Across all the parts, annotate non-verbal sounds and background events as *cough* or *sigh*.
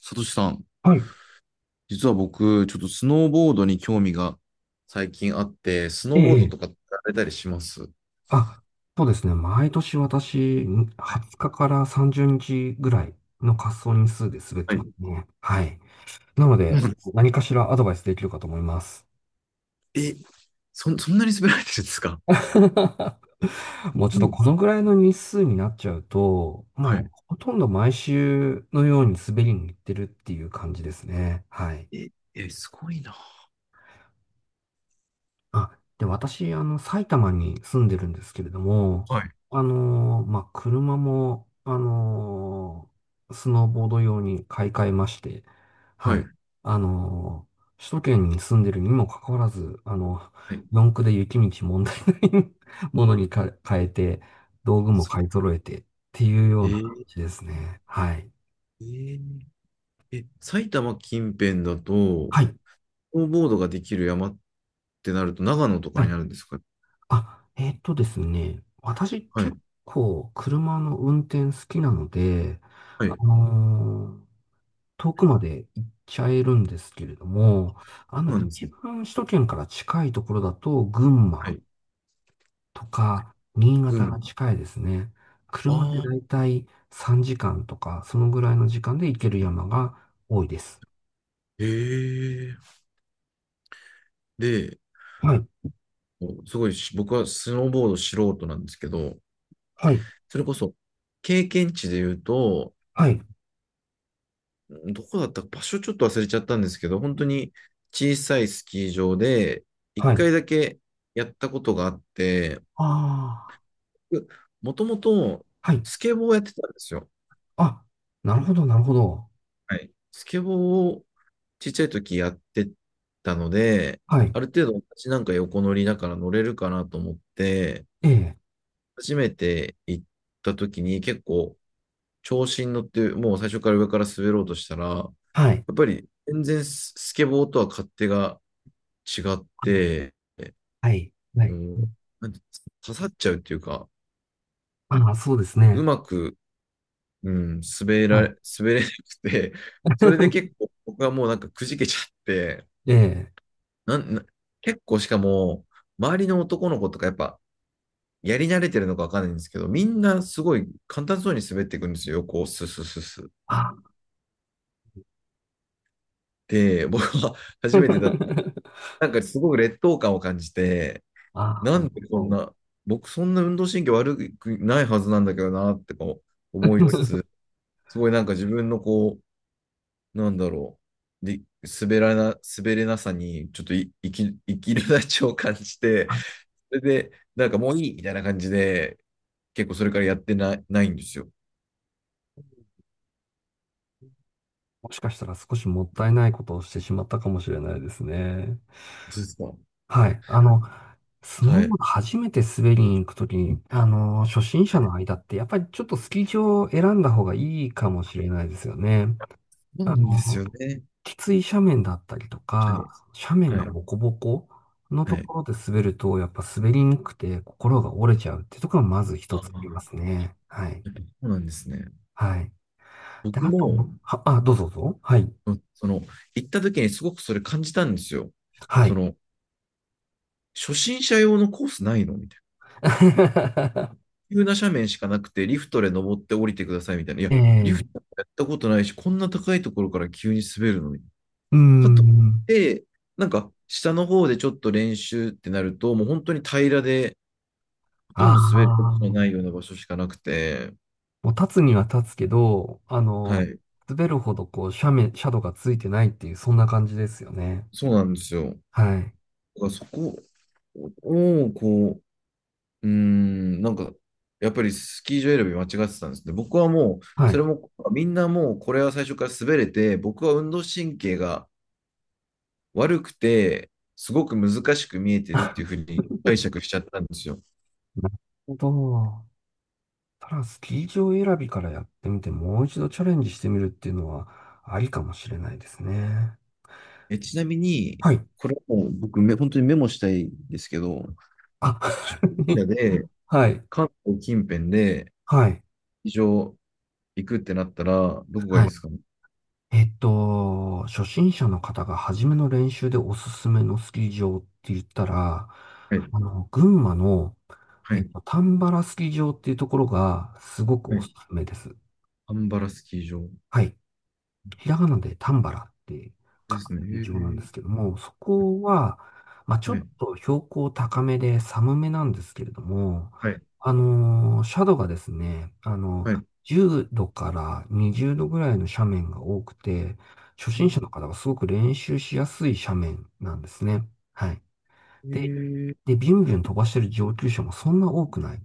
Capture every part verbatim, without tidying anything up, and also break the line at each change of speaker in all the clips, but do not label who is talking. さとしさん、
はい。
実は僕、ちょっとスノーボードに興味が最近あって、スノ
え
ーボード
え、え
とか
え、
やられたりします？
あ、そうですね。毎年私、にじゅうにちかからさんじゅうにちぐらいの滑走日数で滑っ
は
てます
い。
ね。はい。なの
う
で、
ん、
何かしらアドバイスできるかと思います。
え、そ、そんなに滑られてるんですか？
*laughs* もうち
う
ょっと
ん。
このぐらいの日数になっちゃうと、ま
は
あ、
い。
ほとんど毎週のように滑りに行ってるっていう感じですね。はい。
え、え、すごいな。
あ、で、私、あの、埼玉に住んでるんですけれども、
はい。
あのーまあ、車も、あのースノーボード用に買い替えまして、は
はい。
い。あのー首都圏に住んでるにもかかわらず、あの、
はい。
四駆で雪道問題ない *laughs* ものにか変えて、道具も
そ
買い揃えてっていうよ
え
うな感
ー
じですね。はい。
えーえ埼玉近辺だと、
はい。
スノーボードができる山ってなると、長野とか
は
にな
い。
るんですか？
あ、えっとですね、私
はい。
結構車の運転好きなので、
はい。
あ
そ
のー遠くまで行っちゃえるんですけれども、あの、
うなんです
一
ね。
番首都圏から近いところだと、群
は
馬
い。
とか新
う
潟が
ん。
近いですね。車で
あ
だ
あ、
いたいさんじかんとか、そのぐらいの時間で行ける山が多いです。
へえ。で、
はい、
すごいし、僕はスノーボード素人なんですけど、
はい、
それこそ経験値で言うと、
はい、
どこだったか場所ちょっと忘れちゃったんですけど、本当に小さいスキー場で一
はい。
回だけやったことがあって、
あ
もともと
あ、はい。
スケボーをやってたんですよ。
あ、なるほど、なるほど。
はい。スケボーをちっちゃい時やってたので、
はい。
ある程度私なんか横乗りだから乗れるかなと思って、
ええ、
初めて行った時に結構調子に乗って、もう最初から上から滑ろうとしたら、や
はい。
っぱり全然ススケボーとは勝手が違って、
はい。は
う
い。
ん、なんて刺さっちゃうっていうか、
ああ、そうです
う
ね。
まく、うん、滑
は
ら
い。
れ、滑れなくて、それで結
*laughs*
構僕はもうなんかくじけちゃって、
ええ。
なんな結構しかも、周りの男の子とかやっぱ、やり慣れてるのかわかんないんですけど、みんなすごい簡単そうに滑っていくんですよ、こう、スススス。
ああ
で、僕は初めてだ、
*laughs*
なんかすごく劣等感を感じて、
ああ、
な
なる
んでこん
ほ
な、僕そんな運動神経悪くないはずなんだけどなってこう思いつ
ど
つ、すごいなんか自分のこう、なんだろう、で、滑らな、滑れなさに、ちょっとい、生き、生きるなちを感じ
*laughs*
て、
あ、
それで、なんかもういいみたいな感じで、結構それからやってない、ないんですよ。
もしかしたら少しもったいないことをしてしまったかもしれないですね。
そうですか。
はい。あの、スノー
は
ボー
い。
ド初めて滑りに行くときに、あの、初心
は
者
い。
の間って、やっぱりちょっとスキー場を選んだ方がいいかもしれないですよね。
そうな
あ
んです
の、
よね。
きつい斜面だったりと
は
か、
い。
斜面
は
が
い。
ボコボコの
は
と
い。
ころで滑ると、やっぱ滑りにくくて心が折れちゃうっていうところがまず一
あ
つありま
あ、
すね。はい。
やっぱそうなんですね。
はい。で、
僕
あと、
も、
は、あ、どうぞどうぞ。はい。
うん、その、行った時にすごくそれ感じたんですよ。
は
そ
い。
の、初心者用のコースないのみたい
*laughs*
な。急な斜面しかなくて、リフトで登って降りてくださいみたいな。いや、リ
え
フト
え、
やったことないし、こんな高いところから急に滑るのに。
うー
かとい
ん。
って、なんか、下の方でちょっと練習ってなると、もう本当に平らで、ほと
あ
んど滑るこ
あ、
との
も
ないような場所しかなくて、
う立つには立つけど、あ
は
の、
い、
滑るほどこう斜面、斜度がついてないっていう、そんな感じですよね。
そうなんですよ。
はい。
だからそこを、こう、うーん、なんか、やっぱりスキー場選び間違ってたんですね。僕はもう、
は
そ
い。
れも、みんなもうこれは最初から滑れて、僕は運動神経が悪くて、すごく難しく見えてるっていう
*laughs*
ふうに解釈しちゃったんですよ。
なるほど。ただ、スキー場選びからやってみて、もう一度チャレンジしてみるっていうのは、ありかもしれないですね。
え、ちなみに、
はい。
これもう僕め、本当にメモしたいんですけど、
あ、
初心者で、
*laughs* はい。
関東近辺で、
はい。
スキー場行くってなったら、どこがいい
はい。
ですかね？
えっと、初心者の方が初めの練習でおすすめのスキー場って言ったら、
はい、
あの、群馬の、
は
えっ
い、
と、丹原スキー場っていうところが、すごく
は
おす
い。
すめです。
アンバラスキー場
はい。ひらがなでタンバラって書
で
く
すね。へ
劇場なん
ー、
ですけども、そこは、まあ、ちょ
は
っ
い、
と標高高めで寒めなんですけれども、
はい、
あのー、斜度がですね、あの、
はい。
じゅうどからにじゅうどぐらいの斜面が多くて、初
う
心者の
ん。
方がすごく練習しやすい斜面なんですね。はい。
え
で、
ー、
で、ビュンビュン飛ばしてる上級者もそんな多くない。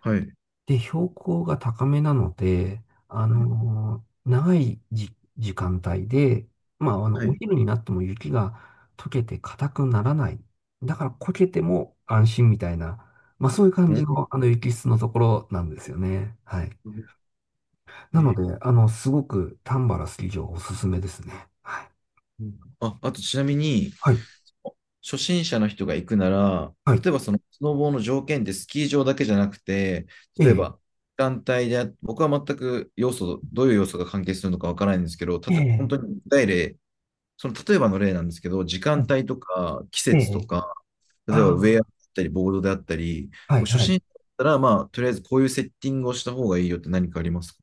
はい。
で、標高が高めなので、あ
はい、
の長いじ時間帯で、まあ、あの、
は
お
い。
昼になっても雪が溶けて硬くならない。だから、こけても安心みたいな、まあ、そういう感
な
じ
る
の、あの、雪質のところなんですよね。はい。
ほど。え
なの
ー、
で、あの、すごく丹原スキー場おすすめですね。はい。
うん。あ、あとちなみに、
はい。
初心者の人が行くなら、
はい。
例えばそのスノボーの条件ってスキー場だけじゃなくて、
え
例え
え。
ば団体で僕は全く要素、どういう要素が関係するのかわからないんですけど、た
え
と、本
え。
当に具体例、その例えばの例なんですけど、時間帯とか季
え
節と
え。
か、例えばウェアだっ
あ
たり、ボードであったり、
あ。は
もう
い。
初
はい。
心者だったら、まあ、とりあえずこういうセッティングをした方がいいよって何かありますか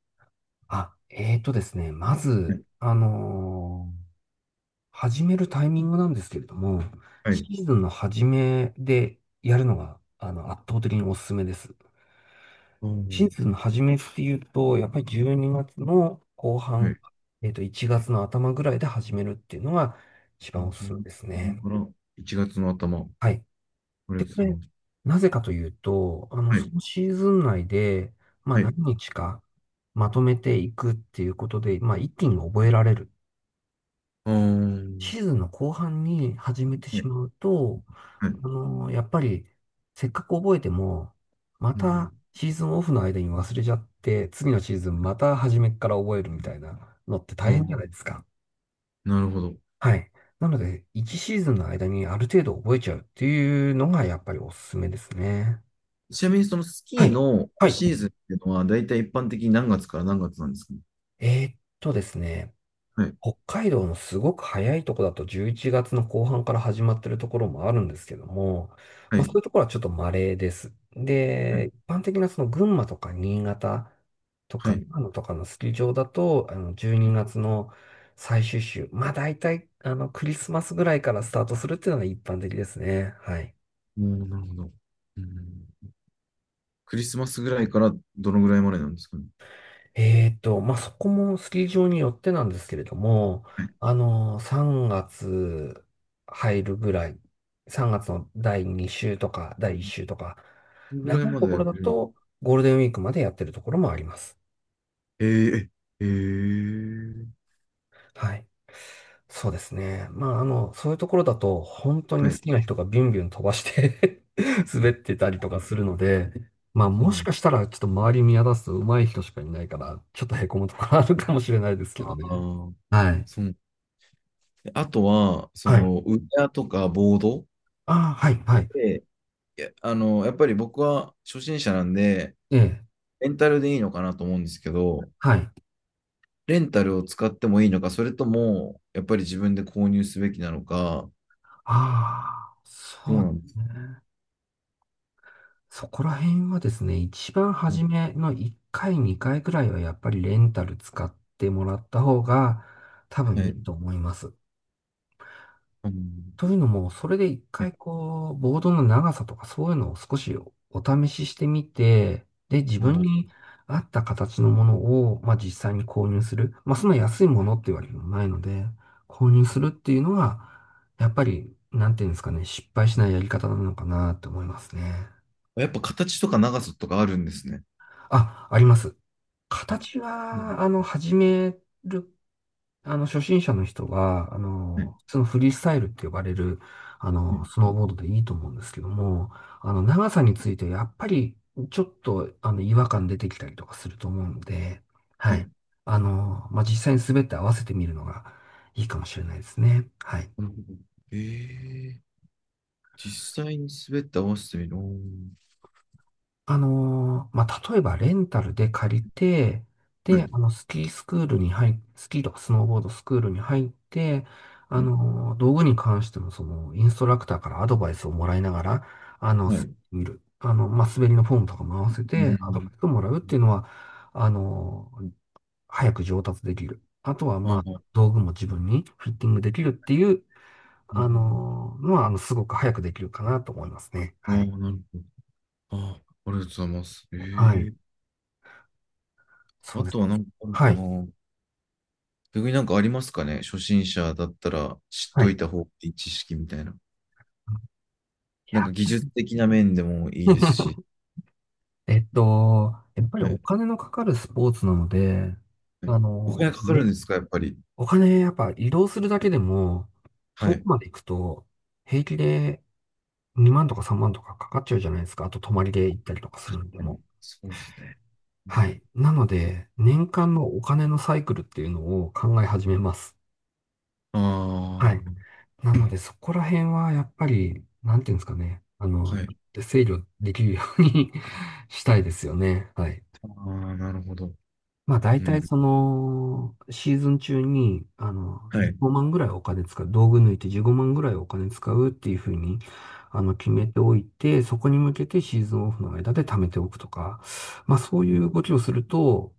あ、えーとですね。まず、
ね？
あのー始めるタイミングなんですけれども、
は
シ
い。
ーズンの初めでやるのが、あの、圧倒的におすすめです。
ああ、
シー
は
ズンの初めっていうと、やっぱりじゅうにがつの後半、
い。
えっと、いちがつの頭ぐらいで始めるっていうのが一番おすすめ
じゅうに
ですね。
からいちがつの頭、
はい。
こ
で、
れ
これ、
様。
なぜかというと、あの、
は
そ
い。
のシーズン内で、まあ、
はい。
何日かまとめていくっていうことで、まあ、一気に覚えられる。
ああ、ん、
シーズンの後半に始めて
は
し
い。
まうと、
はい。
あの、やっぱり、せっかく覚えても、ま
うん、
たシーズンオフの間に忘れちゃって、次のシーズンまた初めから覚えるみたいなのって大変じゃない
あ
ですか。
あ、なるほど。
はい。なので、いちシーズンの間にある程度覚えちゃうっていうのがやっぱりおすすめですね。
ちなみに、そのス
は
キー
い。
の
は
オフ
い。
シーズンっていうのは、だいたい一般的に何月から何月なんですかね？
えーっとですね。
はい。
北海道のすごく早いとこだとじゅういちがつの後半から始まってるところもあるんですけども、
は
まあ
い。
そういうところはちょっと稀です。
はい。
で、一般的なその群馬とか新潟と
は
か
い。
長野とかのスキー場だと、あのじゅうにがつの最終週、まあ大体あのクリスマスぐらいからスタートするっていうのが一般的ですね。はい。
おー、なるほど。うん、クリスマスぐらいからどのぐらいまでなんですかね？
えーっと、まあ、そこもスキー場によってなんですけれども、
はい。
あの、さんがつ入るぐらい、さんがつのだいに週とかだいいち週とか、
どのぐらい
長い
まで
とこ
やれ
ろだ
る？
とゴールデンウィークまでやってるところもあります。
ええ、ええ、
はい。そうですね。まあ、あの、そういうところだと、本当
は
に好
い。
きな人がビュンビュン飛ばして *laughs* 滑ってたりとかするので、まあ、
う
もし
ん、
かしたら、ちょっと周り見渡すと上手い人しかいないから、ちょっとへこむところあるかもしれないですけど
あ
ね。
あ、
はい。
そう。あとは、そ
はい。
の、ウェアとかボード
ああ、はい、はい。
で、いや、あの、やっぱり僕は初心者なんで、
ええ、
レンタルでいいのかなと思うんですけど、
はい。
レンタルを使ってもいいのか、それとも、やっぱり自分で購入すべきなのか、
ああ、
どう
そうで
なんです
す
か
ね。そこら辺はですね、一番初
ね？
めのいっかい、にかいくらいはやっぱりレンタル使ってもらった方が多
は
分いい
い。
と思います。
うん。
というのも、それで一
ね。
回こう、ボードの長さとかそういうのを少しお試ししてみて、で、自
あ
分
ー
に合った形のものを、まあ実際に購入する。まあそんな安いものっていうわけでもないので、購入するっていうのは、やっぱり、なんていうんですかね、失敗しないやり方なのかなって思いますね。
やっぱ形とか長さとかあるんですね。
あ、あります。
あ、
形
うん、
は、あの、始めるあの、初心者の人が、あ
はい、
の、そのフリースタイルって呼ばれる、あ
は
の、
い、
スノーボードでいいと思うんですけども、あの、長さについてやっぱり、ちょっと、あの、違和感出てきたりとかすると思うので、は
は
い。
い。
あの、まあ、実際に滑って合わせてみるのがいいかもしれないですね。はい。
なるほど。えー実際に滑って合わせてみる。おー、
あのーまあ、例えばレンタルで借りて、
は
で、あ
い、
の、スキースクールに入っ、スキーとかスノーボードスクールに入って、あ
は
のー道具に関しても、その、インストラクターからアドバイスをもらいながら、あの、
い、
滑
は
って
い。
みる。あの、まあ、滑りのフォームとかも合わせ
う
て、アドバイ
ん、
スをもらうっていうのは、あのー早く上達できる。あとは、
あ
まあ、
あ、
道具も自分にフィッティングできるっていう、
う
あ
ん、
のーのは、あの、すごく早くできるかなと思いますね。
ああ、
はい。
なるほど。ああ、ありがとうございます。え
はい。
え、
そ
あ
うです
とは
ね。
何かある
は
か
い。
な？逆になんかありますかね？初心者だったら知っ
はい。
と
い
いた方がいい知識みたいな。なん
や
か技術的な面でもいいですし。
*laughs* えっと、やっぱり
は
お
い。
金のかかるスポーツなので、
はい、
あ
お
の、
金かかるん
ね、
ですか？やっぱり。
お金やっぱ移動するだけでも、
は
遠く
い。
まで行くと、平気でにまんとかさんまんとかかかっちゃうじゃないですか。あと泊まりで行ったりとかするんで
はい、
も。
そうですね。う
は
ん、
い。なので、年間のお金のサイクルっていうのを考え始めます。はい。
あ
なので、そこら辺はやっぱり、なんていうんですかね。あ
あ、
の、
はい。
制御できるように *laughs* したいですよね。はい。
ああ、なるほど。
まあ大
う
体
ん。
その、シーズン中に、あの、
は
15
い。
万ぐらいお金使う、道具抜いてじゅうごまんぐらいお金使うっていうふうに、あの、決
う
め
ん、
ておいて、そこに向けてシーズンオフの間で貯めておくとか、まあそういう動きをすると、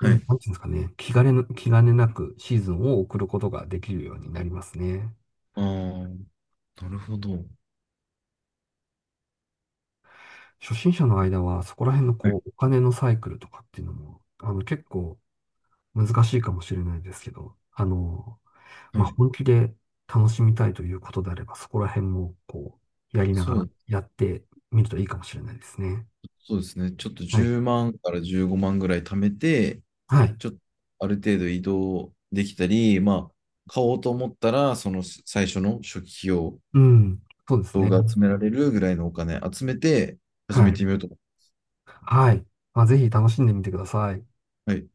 う
は
ん、
い。
なんていうんですかね、気兼ねな、気兼ねなくシーズンを送ることができるようになりますね。
ああ、なるほど。
初心者の間はそこら辺の
はい。
こう、お金のサイクルとかっていうのも、あの、結構難しいかもしれないですけど、あの、
は
まあ、
い。
本気で楽しみたいということであれば、そこら辺も、こう、やりなが
そ
ら
う。
やってみるといいかもしれないですね。
そうですね。ちょっと
はい。
じゅうまんからじゅうごまんぐらい貯めて、
はい。
ちょっとある程度移動できたり、まあ、買おうと思ったら、その最初の初期費用、
うん。そうです
動
ね。
画集められるぐらいのお金集めて始
は
め
い。
てみようと思
はい。まあ、ぜひ楽しんでみてください。
う。はい。